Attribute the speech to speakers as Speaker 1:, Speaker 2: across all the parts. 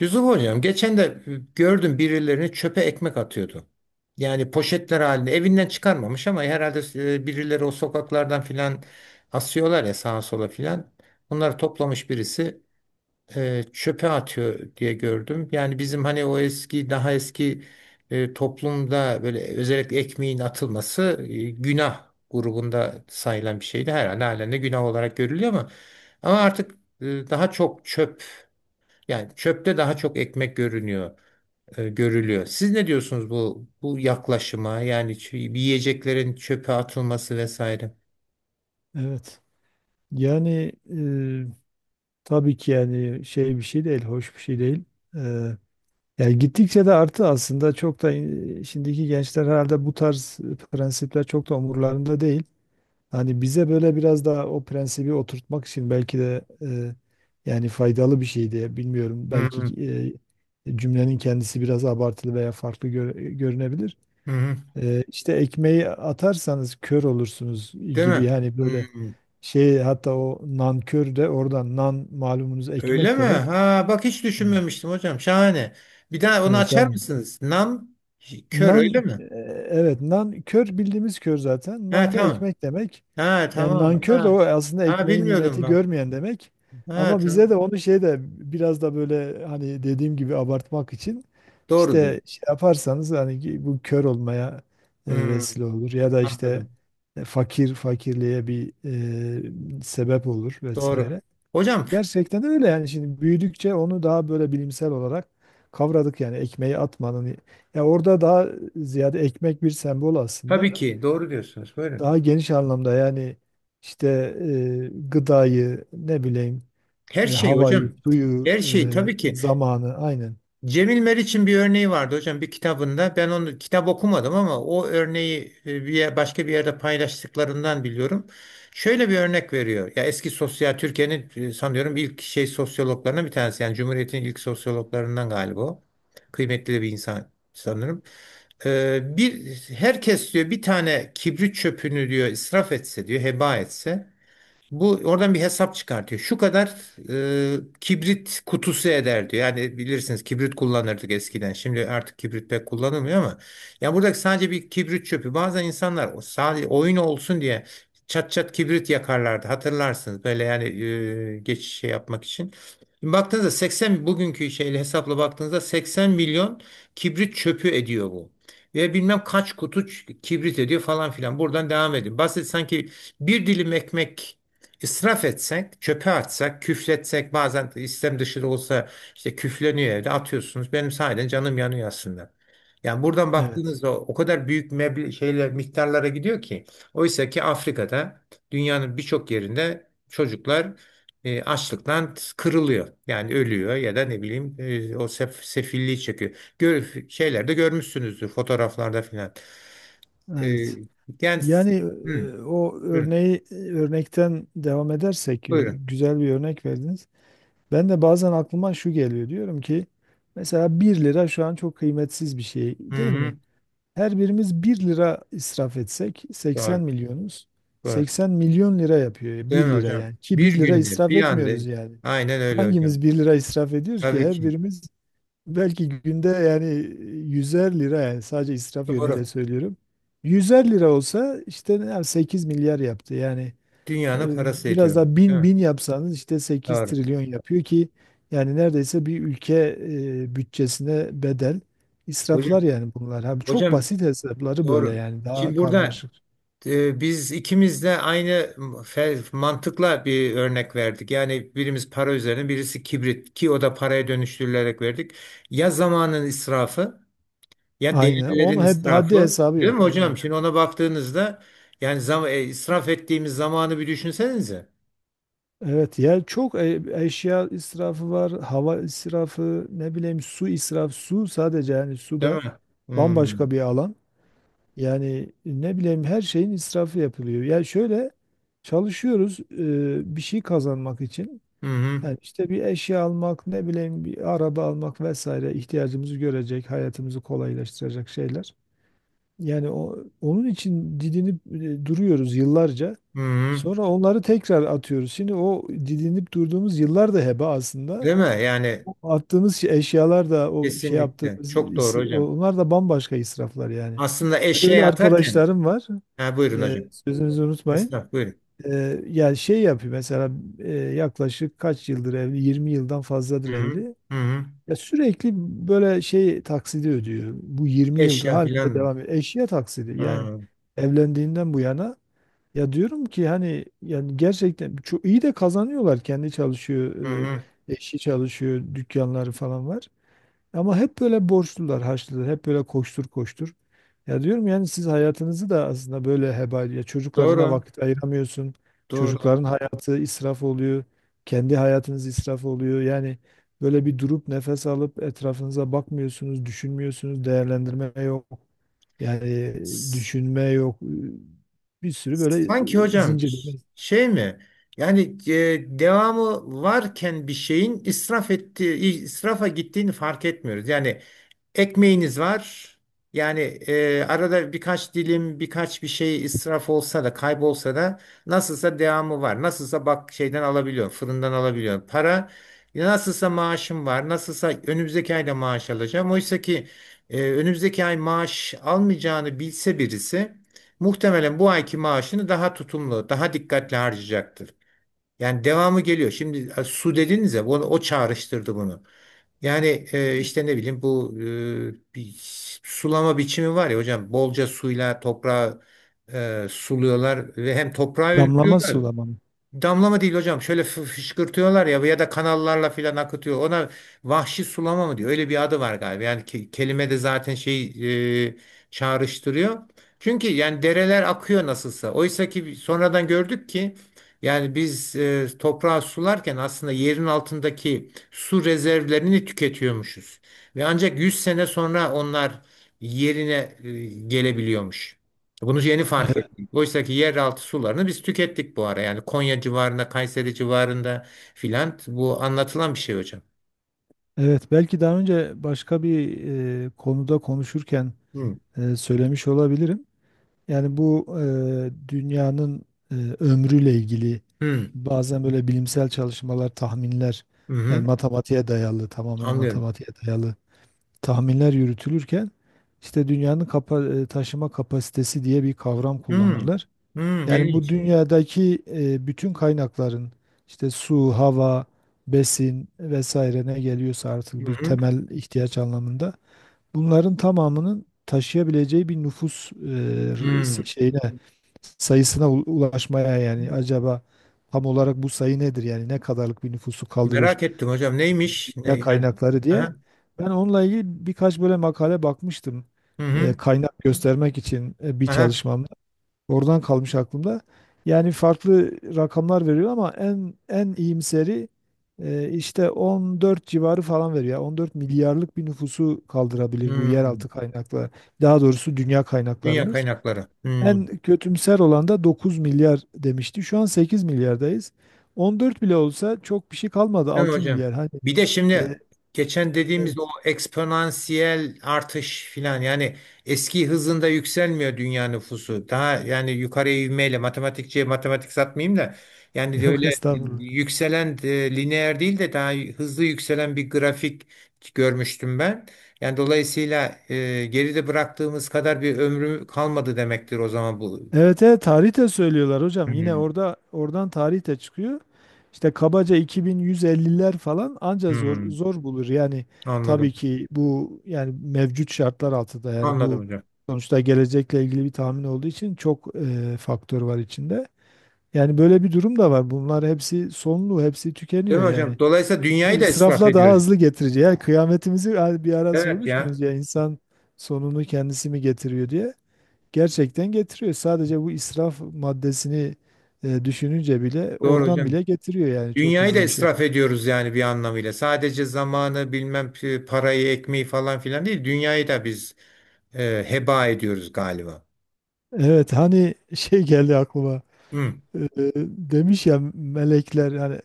Speaker 1: Yusuf hocam geçen de gördüm birilerini çöpe ekmek atıyordu. Yani poşetler halinde evinden çıkarmamış ama herhalde birileri o sokaklardan filan asıyorlar ya sağa sola filan. Bunları toplamış birisi çöpe atıyor diye gördüm. Yani bizim hani o eski daha eski toplumda böyle özellikle ekmeğin atılması günah grubunda sayılan bir şeydi. Herhalde halen de günah olarak görülüyor ama artık daha çok çöp yani çöpte daha çok ekmek görünüyor, görülüyor. Siz ne diyorsunuz bu yaklaşıma? Yani yiyeceklerin çöpe atılması vesaire.
Speaker 2: Evet. Yani tabii ki yani şey bir şey değil, hoş bir şey değil. E, yani gittikçe de arttı aslında çok da şimdiki gençler herhalde bu tarz prensipler çok da umurlarında değil. Hani bize böyle biraz daha o prensibi oturtmak için belki de yani faydalı bir şey diye bilmiyorum.
Speaker 1: Hı
Speaker 2: Belki
Speaker 1: hı.
Speaker 2: cümlenin kendisi biraz abartılı veya farklı görünebilir.
Speaker 1: Hı hı.
Speaker 2: E, işte ekmeği atarsanız kör olursunuz
Speaker 1: Değil
Speaker 2: gibi
Speaker 1: mi?
Speaker 2: hani
Speaker 1: Hı.
Speaker 2: böyle şey hatta o nankör de oradan nan malumunuz
Speaker 1: Öyle
Speaker 2: ekmek
Speaker 1: mi?
Speaker 2: demek.
Speaker 1: Ha bak hiç
Speaker 2: Evet.
Speaker 1: düşünmemiştim hocam. Şahane. Bir daha onu
Speaker 2: Evet,
Speaker 1: açar
Speaker 2: yani
Speaker 1: mısınız? Nam kör öyle
Speaker 2: nan
Speaker 1: mi?
Speaker 2: e, evet, nan kör bildiğimiz kör zaten.
Speaker 1: Ha
Speaker 2: Nan da
Speaker 1: tamam.
Speaker 2: ekmek demek.
Speaker 1: Ha
Speaker 2: Yani
Speaker 1: tamam.
Speaker 2: nankör de
Speaker 1: Ha.
Speaker 2: o aslında
Speaker 1: Ha
Speaker 2: ekmeğin
Speaker 1: bilmiyordum
Speaker 2: nimeti
Speaker 1: ben.
Speaker 2: görmeyen demek.
Speaker 1: Ha
Speaker 2: Ama bize
Speaker 1: tamam.
Speaker 2: de onu şey de biraz da böyle hani dediğim gibi abartmak için
Speaker 1: Doğrudur.
Speaker 2: işte şey yaparsanız hani ki bu kör olmaya
Speaker 1: Hı,
Speaker 2: vesile olur ya da işte
Speaker 1: anladım.
Speaker 2: fakirliğe bir sebep olur
Speaker 1: Doğru.
Speaker 2: vesaire.
Speaker 1: Hocam
Speaker 2: Gerçekten öyle yani şimdi büyüdükçe onu daha böyle bilimsel olarak kavradık yani ekmeği atmanın. Ya orada daha ziyade ekmek bir sembol aslında.
Speaker 1: tabii ki doğru diyorsunuz. Buyurun.
Speaker 2: Daha geniş anlamda yani işte gıdayı ne bileyim
Speaker 1: Her şey
Speaker 2: havayı,
Speaker 1: hocam.
Speaker 2: suyu,
Speaker 1: Her şey tabii ki.
Speaker 2: zamanı aynen.
Speaker 1: Cemil Meriç'in bir örneği vardı hocam bir kitabında. Ben onu kitap okumadım ama o örneği bir başka bir yerde paylaştıklarından biliyorum. Şöyle bir örnek veriyor. Ya eski sosyal Türkiye'nin sanıyorum ilk şey sosyologlarından bir tanesi. Yani Cumhuriyet'in ilk sosyologlarından galiba o. Kıymetli bir insan sanırım. Bir herkes diyor bir tane kibrit çöpünü diyor israf etse diyor heba etse bu oradan bir hesap çıkartıyor. Şu kadar kibrit kutusu eder diyor. Yani bilirsiniz kibrit kullanırdık eskiden. Şimdi artık kibrit pek kullanılmıyor ama ya buradaki sadece bir kibrit çöpü. Bazen insanlar o sadece oyun olsun diye çat çat kibrit yakarlardı. Hatırlarsınız böyle yani geçiş şey yapmak için. Şimdi baktığınızda 80 bugünkü şeyle hesapla baktığınızda 80 milyon kibrit çöpü ediyor bu. Ve bilmem kaç kutu kibrit ediyor falan filan. Buradan devam edin. Basit sanki bir dilim ekmek İsraf etsek, çöpe atsak, küfletsek bazen istem dışı da olsa işte küfleniyor evde atıyorsunuz. Benim sahiden canım yanıyor aslında. Yani buradan
Speaker 2: Evet.
Speaker 1: baktığınızda o kadar büyük meble şeyler miktarlara gidiyor ki. Oysa ki Afrika'da dünyanın birçok yerinde çocuklar açlıktan kırılıyor. Yani ölüyor ya da ne bileyim o sefilliği çekiyor. Gör, şeylerde görmüşsünüzdür fotoğraflarda filan. E,
Speaker 2: Evet.
Speaker 1: Yani,
Speaker 2: Yani
Speaker 1: hmm, buyurun.
Speaker 2: örnekten devam edersek
Speaker 1: Buyurun.
Speaker 2: güzel bir örnek verdiniz. Ben de bazen aklıma şu geliyor diyorum ki mesela bir lira şu an çok kıymetsiz bir şey
Speaker 1: Hı
Speaker 2: değil mi?
Speaker 1: hı,
Speaker 2: Her birimiz bir lira israf etsek 80
Speaker 1: doğru.
Speaker 2: milyonuz.
Speaker 1: Doğru.
Speaker 2: 80 milyon lira yapıyor
Speaker 1: Değil
Speaker 2: bir
Speaker 1: mi
Speaker 2: lira
Speaker 1: hocam?
Speaker 2: yani ki
Speaker 1: Bir
Speaker 2: bir lira
Speaker 1: günde,
Speaker 2: israf
Speaker 1: bir anda.
Speaker 2: etmiyoruz yani.
Speaker 1: Aynen öyle hocam.
Speaker 2: Hangimiz bir lira israf ediyoruz ki
Speaker 1: Tabii
Speaker 2: her
Speaker 1: ki.
Speaker 2: birimiz belki günde yani 100'er lira yani sadece israf yönüyle
Speaker 1: Doğru.
Speaker 2: söylüyorum. 100'er lira olsa işte 8 milyar yaptı yani. e,
Speaker 1: Dünyanın parası
Speaker 2: Biraz
Speaker 1: ediyor.
Speaker 2: daha
Speaker 1: Değil
Speaker 2: bin
Speaker 1: mi?
Speaker 2: bin yapsanız işte sekiz
Speaker 1: Doğru.
Speaker 2: trilyon yapıyor ki yani neredeyse bir ülke bütçesine bedel
Speaker 1: Hocam,
Speaker 2: israflar yani bunlar. Abi çok
Speaker 1: hocam
Speaker 2: basit hesapları böyle
Speaker 1: doğru.
Speaker 2: yani daha
Speaker 1: Şimdi burada
Speaker 2: karmaşık.
Speaker 1: biz ikimiz de aynı mantıkla bir örnek verdik. Yani birimiz para üzerine, birisi kibrit ki o da paraya dönüştürülerek verdik. Ya zamanın israfı ya
Speaker 2: Aynen. Onun
Speaker 1: değerlerin
Speaker 2: haddi
Speaker 1: israfı.
Speaker 2: hesabı
Speaker 1: Değil mi
Speaker 2: yok.
Speaker 1: hocam?
Speaker 2: Aynen.
Speaker 1: Şimdi ona baktığınızda yani israf ettiğimiz zamanı bir düşünsenize.
Speaker 2: Evet ya çok eşya israfı var, hava israfı, ne bileyim su israfı, su sadece yani su
Speaker 1: Değil
Speaker 2: da
Speaker 1: mi? Hmm.
Speaker 2: bambaşka bir alan. Yani ne bileyim her şeyin israfı yapılıyor. Yani şöyle çalışıyoruz bir şey kazanmak için.
Speaker 1: Hı hı.
Speaker 2: Yani işte bir eşya almak, ne bileyim bir araba almak vesaire ihtiyacımızı görecek, hayatımızı kolaylaştıracak şeyler. Yani onun için didinip duruyoruz yıllarca.
Speaker 1: Hı hı.
Speaker 2: Sonra onları tekrar atıyoruz. Şimdi o didinip durduğumuz yıllar da heba aslında.
Speaker 1: Değil mi? Yani
Speaker 2: O attığımız eşyalar da o şey
Speaker 1: kesinlikle.
Speaker 2: yaptığımız
Speaker 1: Çok doğru hocam.
Speaker 2: onlar da bambaşka israflar yani.
Speaker 1: Aslında
Speaker 2: Öyle
Speaker 1: eşeğe atarken
Speaker 2: arkadaşlarım var.
Speaker 1: ha, buyurun
Speaker 2: Ee,
Speaker 1: hocam.
Speaker 2: sözünüzü unutmayın.
Speaker 1: Esnaf buyurun.
Speaker 2: Yani şey yapıyor mesela yaklaşık kaç yıldır evli? 20 yıldan fazladır
Speaker 1: Hı hı.
Speaker 2: evli.
Speaker 1: Hı hı.
Speaker 2: Ya sürekli böyle şey taksidi ödüyor. Bu 20 yıldır
Speaker 1: Eşya filan
Speaker 2: halinde
Speaker 1: mı?
Speaker 2: devam ediyor. Eşya taksidi yani
Speaker 1: Ha.
Speaker 2: evlendiğinden bu yana. Ya diyorum ki hani yani gerçekten çok iyi de kazanıyorlar. Kendi çalışıyor,
Speaker 1: Hı
Speaker 2: e,
Speaker 1: hı.
Speaker 2: eşi çalışıyor, dükkanları falan var. Ama hep böyle borçlular, harçlılar, hep böyle koştur koştur. Ya diyorum yani siz hayatınızı da aslında böyle heba, ya çocuklarına
Speaker 1: Doğru.
Speaker 2: vakit ayıramıyorsun.
Speaker 1: Doğru.
Speaker 2: Çocukların hayatı israf oluyor. Kendi hayatınız israf oluyor. Yani böyle bir durup nefes alıp etrafınıza bakmıyorsunuz, düşünmüyorsunuz, değerlendirme yok. Yani
Speaker 1: S-
Speaker 2: düşünme yok. Bir sürü böyle
Speaker 1: Sanki hocam
Speaker 2: zincirleme.
Speaker 1: şey mi? Yani devamı varken bir şeyin israf ettiği, israfa gittiğini fark etmiyoruz. Yani ekmeğiniz var. Yani arada birkaç dilim, birkaç bir şey israf olsa da, kaybolsa da nasılsa devamı var. Nasılsa bak şeyden alabiliyorum, fırından alabiliyorum. Para ya nasılsa maaşım var. Nasılsa önümüzdeki ayda maaş alacağım. Oysa ki önümüzdeki ay maaş almayacağını bilse birisi muhtemelen bu ayki maaşını daha tutumlu, daha dikkatli harcayacaktır. Yani devamı geliyor. Şimdi su dediniz ya, o, o çağrıştırdı bunu. Yani işte ne bileyim bu bir sulama biçimi var ya hocam bolca suyla toprağı suluyorlar ve hem toprağı
Speaker 2: Damlama
Speaker 1: öldürüyorlar.
Speaker 2: sulama.
Speaker 1: Damlama değil hocam. Şöyle fışkırtıyorlar ya ya da kanallarla filan akıtıyor. Ona vahşi sulama mı diyor? Öyle bir adı var galiba. Yani kelime de zaten şey e, çağrıştırıyor. Çünkü yani dereler akıyor nasılsa. Oysa ki sonradan gördük ki yani biz toprağı sularken aslında yerin altındaki su rezervlerini tüketiyormuşuz. Ve ancak 100 sene sonra onlar yerine gelebiliyormuş. Bunu yeni fark Oysa ki yeraltı sularını biz tükettik bu ara. Yani Konya civarında, Kayseri civarında filan bu anlatılan bir şey hocam.
Speaker 2: Evet, belki daha önce başka bir konuda konuşurken
Speaker 1: Hı.
Speaker 2: söylemiş olabilirim. Yani bu dünyanın ömrüyle ilgili
Speaker 1: Hı.
Speaker 2: bazen böyle bilimsel çalışmalar, tahminler,
Speaker 1: Hı
Speaker 2: yani
Speaker 1: hı.
Speaker 2: matematiğe dayalı, tamamen
Speaker 1: Anlıyorum.
Speaker 2: matematiğe dayalı tahminler yürütülürken işte dünyanın taşıma kapasitesi diye bir kavram
Speaker 1: Hı.
Speaker 2: kullanırlar.
Speaker 1: Hı.
Speaker 2: Yani bu
Speaker 1: İlginç.
Speaker 2: dünyadaki bütün kaynakların işte su, hava, besin vesaire ne geliyorsa
Speaker 1: Hı
Speaker 2: artık bir
Speaker 1: hı.
Speaker 2: temel ihtiyaç anlamında bunların tamamının taşıyabileceği bir nüfus e, r- s-
Speaker 1: Hı.
Speaker 2: şeyine sayısına ulaşmaya yani acaba tam olarak bu sayı nedir yani ne kadarlık bir nüfusu kaldırır
Speaker 1: Merak ettim hocam. Neymiş? Ne,
Speaker 2: ya
Speaker 1: yani?
Speaker 2: kaynakları diye.
Speaker 1: Aha.
Speaker 2: Ben onunla ilgili birkaç böyle makale bakmıştım.
Speaker 1: Hı
Speaker 2: E,
Speaker 1: hı.
Speaker 2: kaynak göstermek için bir
Speaker 1: Aha.
Speaker 2: çalışmamda. Oradan kalmış aklımda. Yani farklı rakamlar veriyor ama en iyimseri işte 14 civarı falan veriyor. 14 milyarlık bir nüfusu kaldırabilir bu
Speaker 1: Hı.
Speaker 2: yeraltı kaynakları. Daha doğrusu dünya
Speaker 1: Dünya
Speaker 2: kaynaklarımız.
Speaker 1: kaynakları. Hı.
Speaker 2: En kötümser olan da 9 milyar demişti. Şu an 8 milyardayız. 14 bile olsa çok bir şey kalmadı.
Speaker 1: Değil mi
Speaker 2: 6
Speaker 1: hocam?
Speaker 2: milyar. Hani
Speaker 1: Bir de şimdi
Speaker 2: e,
Speaker 1: geçen
Speaker 2: evet.
Speaker 1: dediğimiz o eksponansiyel artış filan yani eski hızında yükselmiyor dünya nüfusu. Daha yani yukarıya ivmeyle matematikçiye matematik satmayayım da yani de
Speaker 2: Yok
Speaker 1: öyle
Speaker 2: estağfurullah.
Speaker 1: yükselen lineer değil de daha hızlı yükselen bir grafik görmüştüm ben. Yani dolayısıyla geride bıraktığımız kadar bir ömrü kalmadı demektir o zaman bu.
Speaker 2: Evet, evet, tarih de söylüyorlar hocam. Yine
Speaker 1: Hmm,
Speaker 2: oradan tarih de çıkıyor. İşte kabaca 2150'ler falan anca zor
Speaker 1: hmm,
Speaker 2: zor bulur. Yani tabii
Speaker 1: Anladım.
Speaker 2: ki bu yani mevcut şartlar altında yani
Speaker 1: Anladım
Speaker 2: bu
Speaker 1: hocam.
Speaker 2: sonuçta gelecekle ilgili bir tahmin olduğu için çok faktör var içinde. Yani böyle bir durum da var. Bunlar hepsi sonlu, hepsi
Speaker 1: Değil
Speaker 2: tükeniyor
Speaker 1: mi hocam?
Speaker 2: yani.
Speaker 1: Dolayısıyla
Speaker 2: Bu
Speaker 1: dünyayı da israf
Speaker 2: israfla daha
Speaker 1: ediyoruz.
Speaker 2: hızlı getirici. Yani kıyametimizi yani bir ara
Speaker 1: Evet ya.
Speaker 2: sormuştunuz ya insan sonunu kendisi mi getiriyor diye. Gerçekten getiriyor. Sadece bu israf maddesini düşününce bile
Speaker 1: Doğru
Speaker 2: oradan
Speaker 1: hocam.
Speaker 2: bile getiriyor yani çok
Speaker 1: Dünyayı da
Speaker 2: hızlı bir
Speaker 1: israf
Speaker 2: şekilde.
Speaker 1: ediyoruz yani bir anlamıyla. Sadece zamanı bilmem parayı ekmeği falan filan değil. Dünyayı da biz heba ediyoruz galiba.
Speaker 2: Evet, hani şey geldi aklıma.
Speaker 1: Hı,
Speaker 2: Demiş ya melekler, yani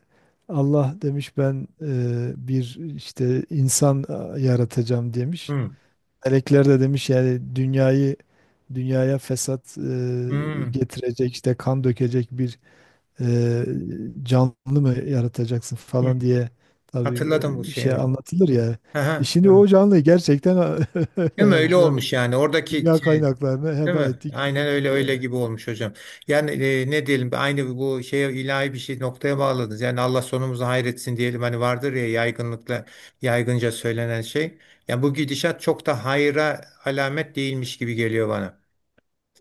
Speaker 2: Allah demiş ben bir işte insan yaratacağım demiş.
Speaker 1: hı,
Speaker 2: Melekler de demiş yani dünyaya fesat
Speaker 1: hı,
Speaker 2: getirecek, işte kan dökecek bir e, canlı mı yaratacaksın
Speaker 1: hı.
Speaker 2: falan diye tabii
Speaker 1: Hatırladım bu şeyi.
Speaker 2: şey
Speaker 1: Evet.
Speaker 2: anlatılır ya. E
Speaker 1: Aha,
Speaker 2: şimdi
Speaker 1: hı.
Speaker 2: o canlıyı gerçekten
Speaker 1: Değil mi?
Speaker 2: yani
Speaker 1: Öyle
Speaker 2: şu an
Speaker 1: olmuş yani. Oradaki
Speaker 2: dünya
Speaker 1: şey.
Speaker 2: kaynaklarını
Speaker 1: Değil
Speaker 2: heba
Speaker 1: mi?
Speaker 2: ettik
Speaker 1: Aynen
Speaker 2: gittik
Speaker 1: öyle öyle
Speaker 2: yani.
Speaker 1: gibi olmuş hocam. Yani ne diyelim aynı bu şeye ilahi bir şey noktaya bağladınız. Yani Allah sonumuzu hayretsin diyelim hani vardır ya yaygınlıkla yaygınca söylenen şey. Yani bu gidişat çok da hayra alamet değilmiş gibi geliyor bana.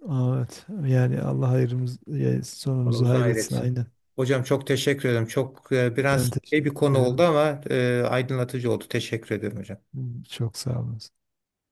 Speaker 2: Aa, evet. Yani Allah hayrımız, ya sonumuzu
Speaker 1: Sonumuzu
Speaker 2: hayretsin
Speaker 1: hayretsin.
Speaker 2: aynen.
Speaker 1: Hocam çok teşekkür ederim. Çok
Speaker 2: Ben
Speaker 1: biraz şey bir
Speaker 2: teşekkür
Speaker 1: konu oldu
Speaker 2: ederim.
Speaker 1: ama aydınlatıcı oldu. Teşekkür ederim hocam.
Speaker 2: Çok sağ olun.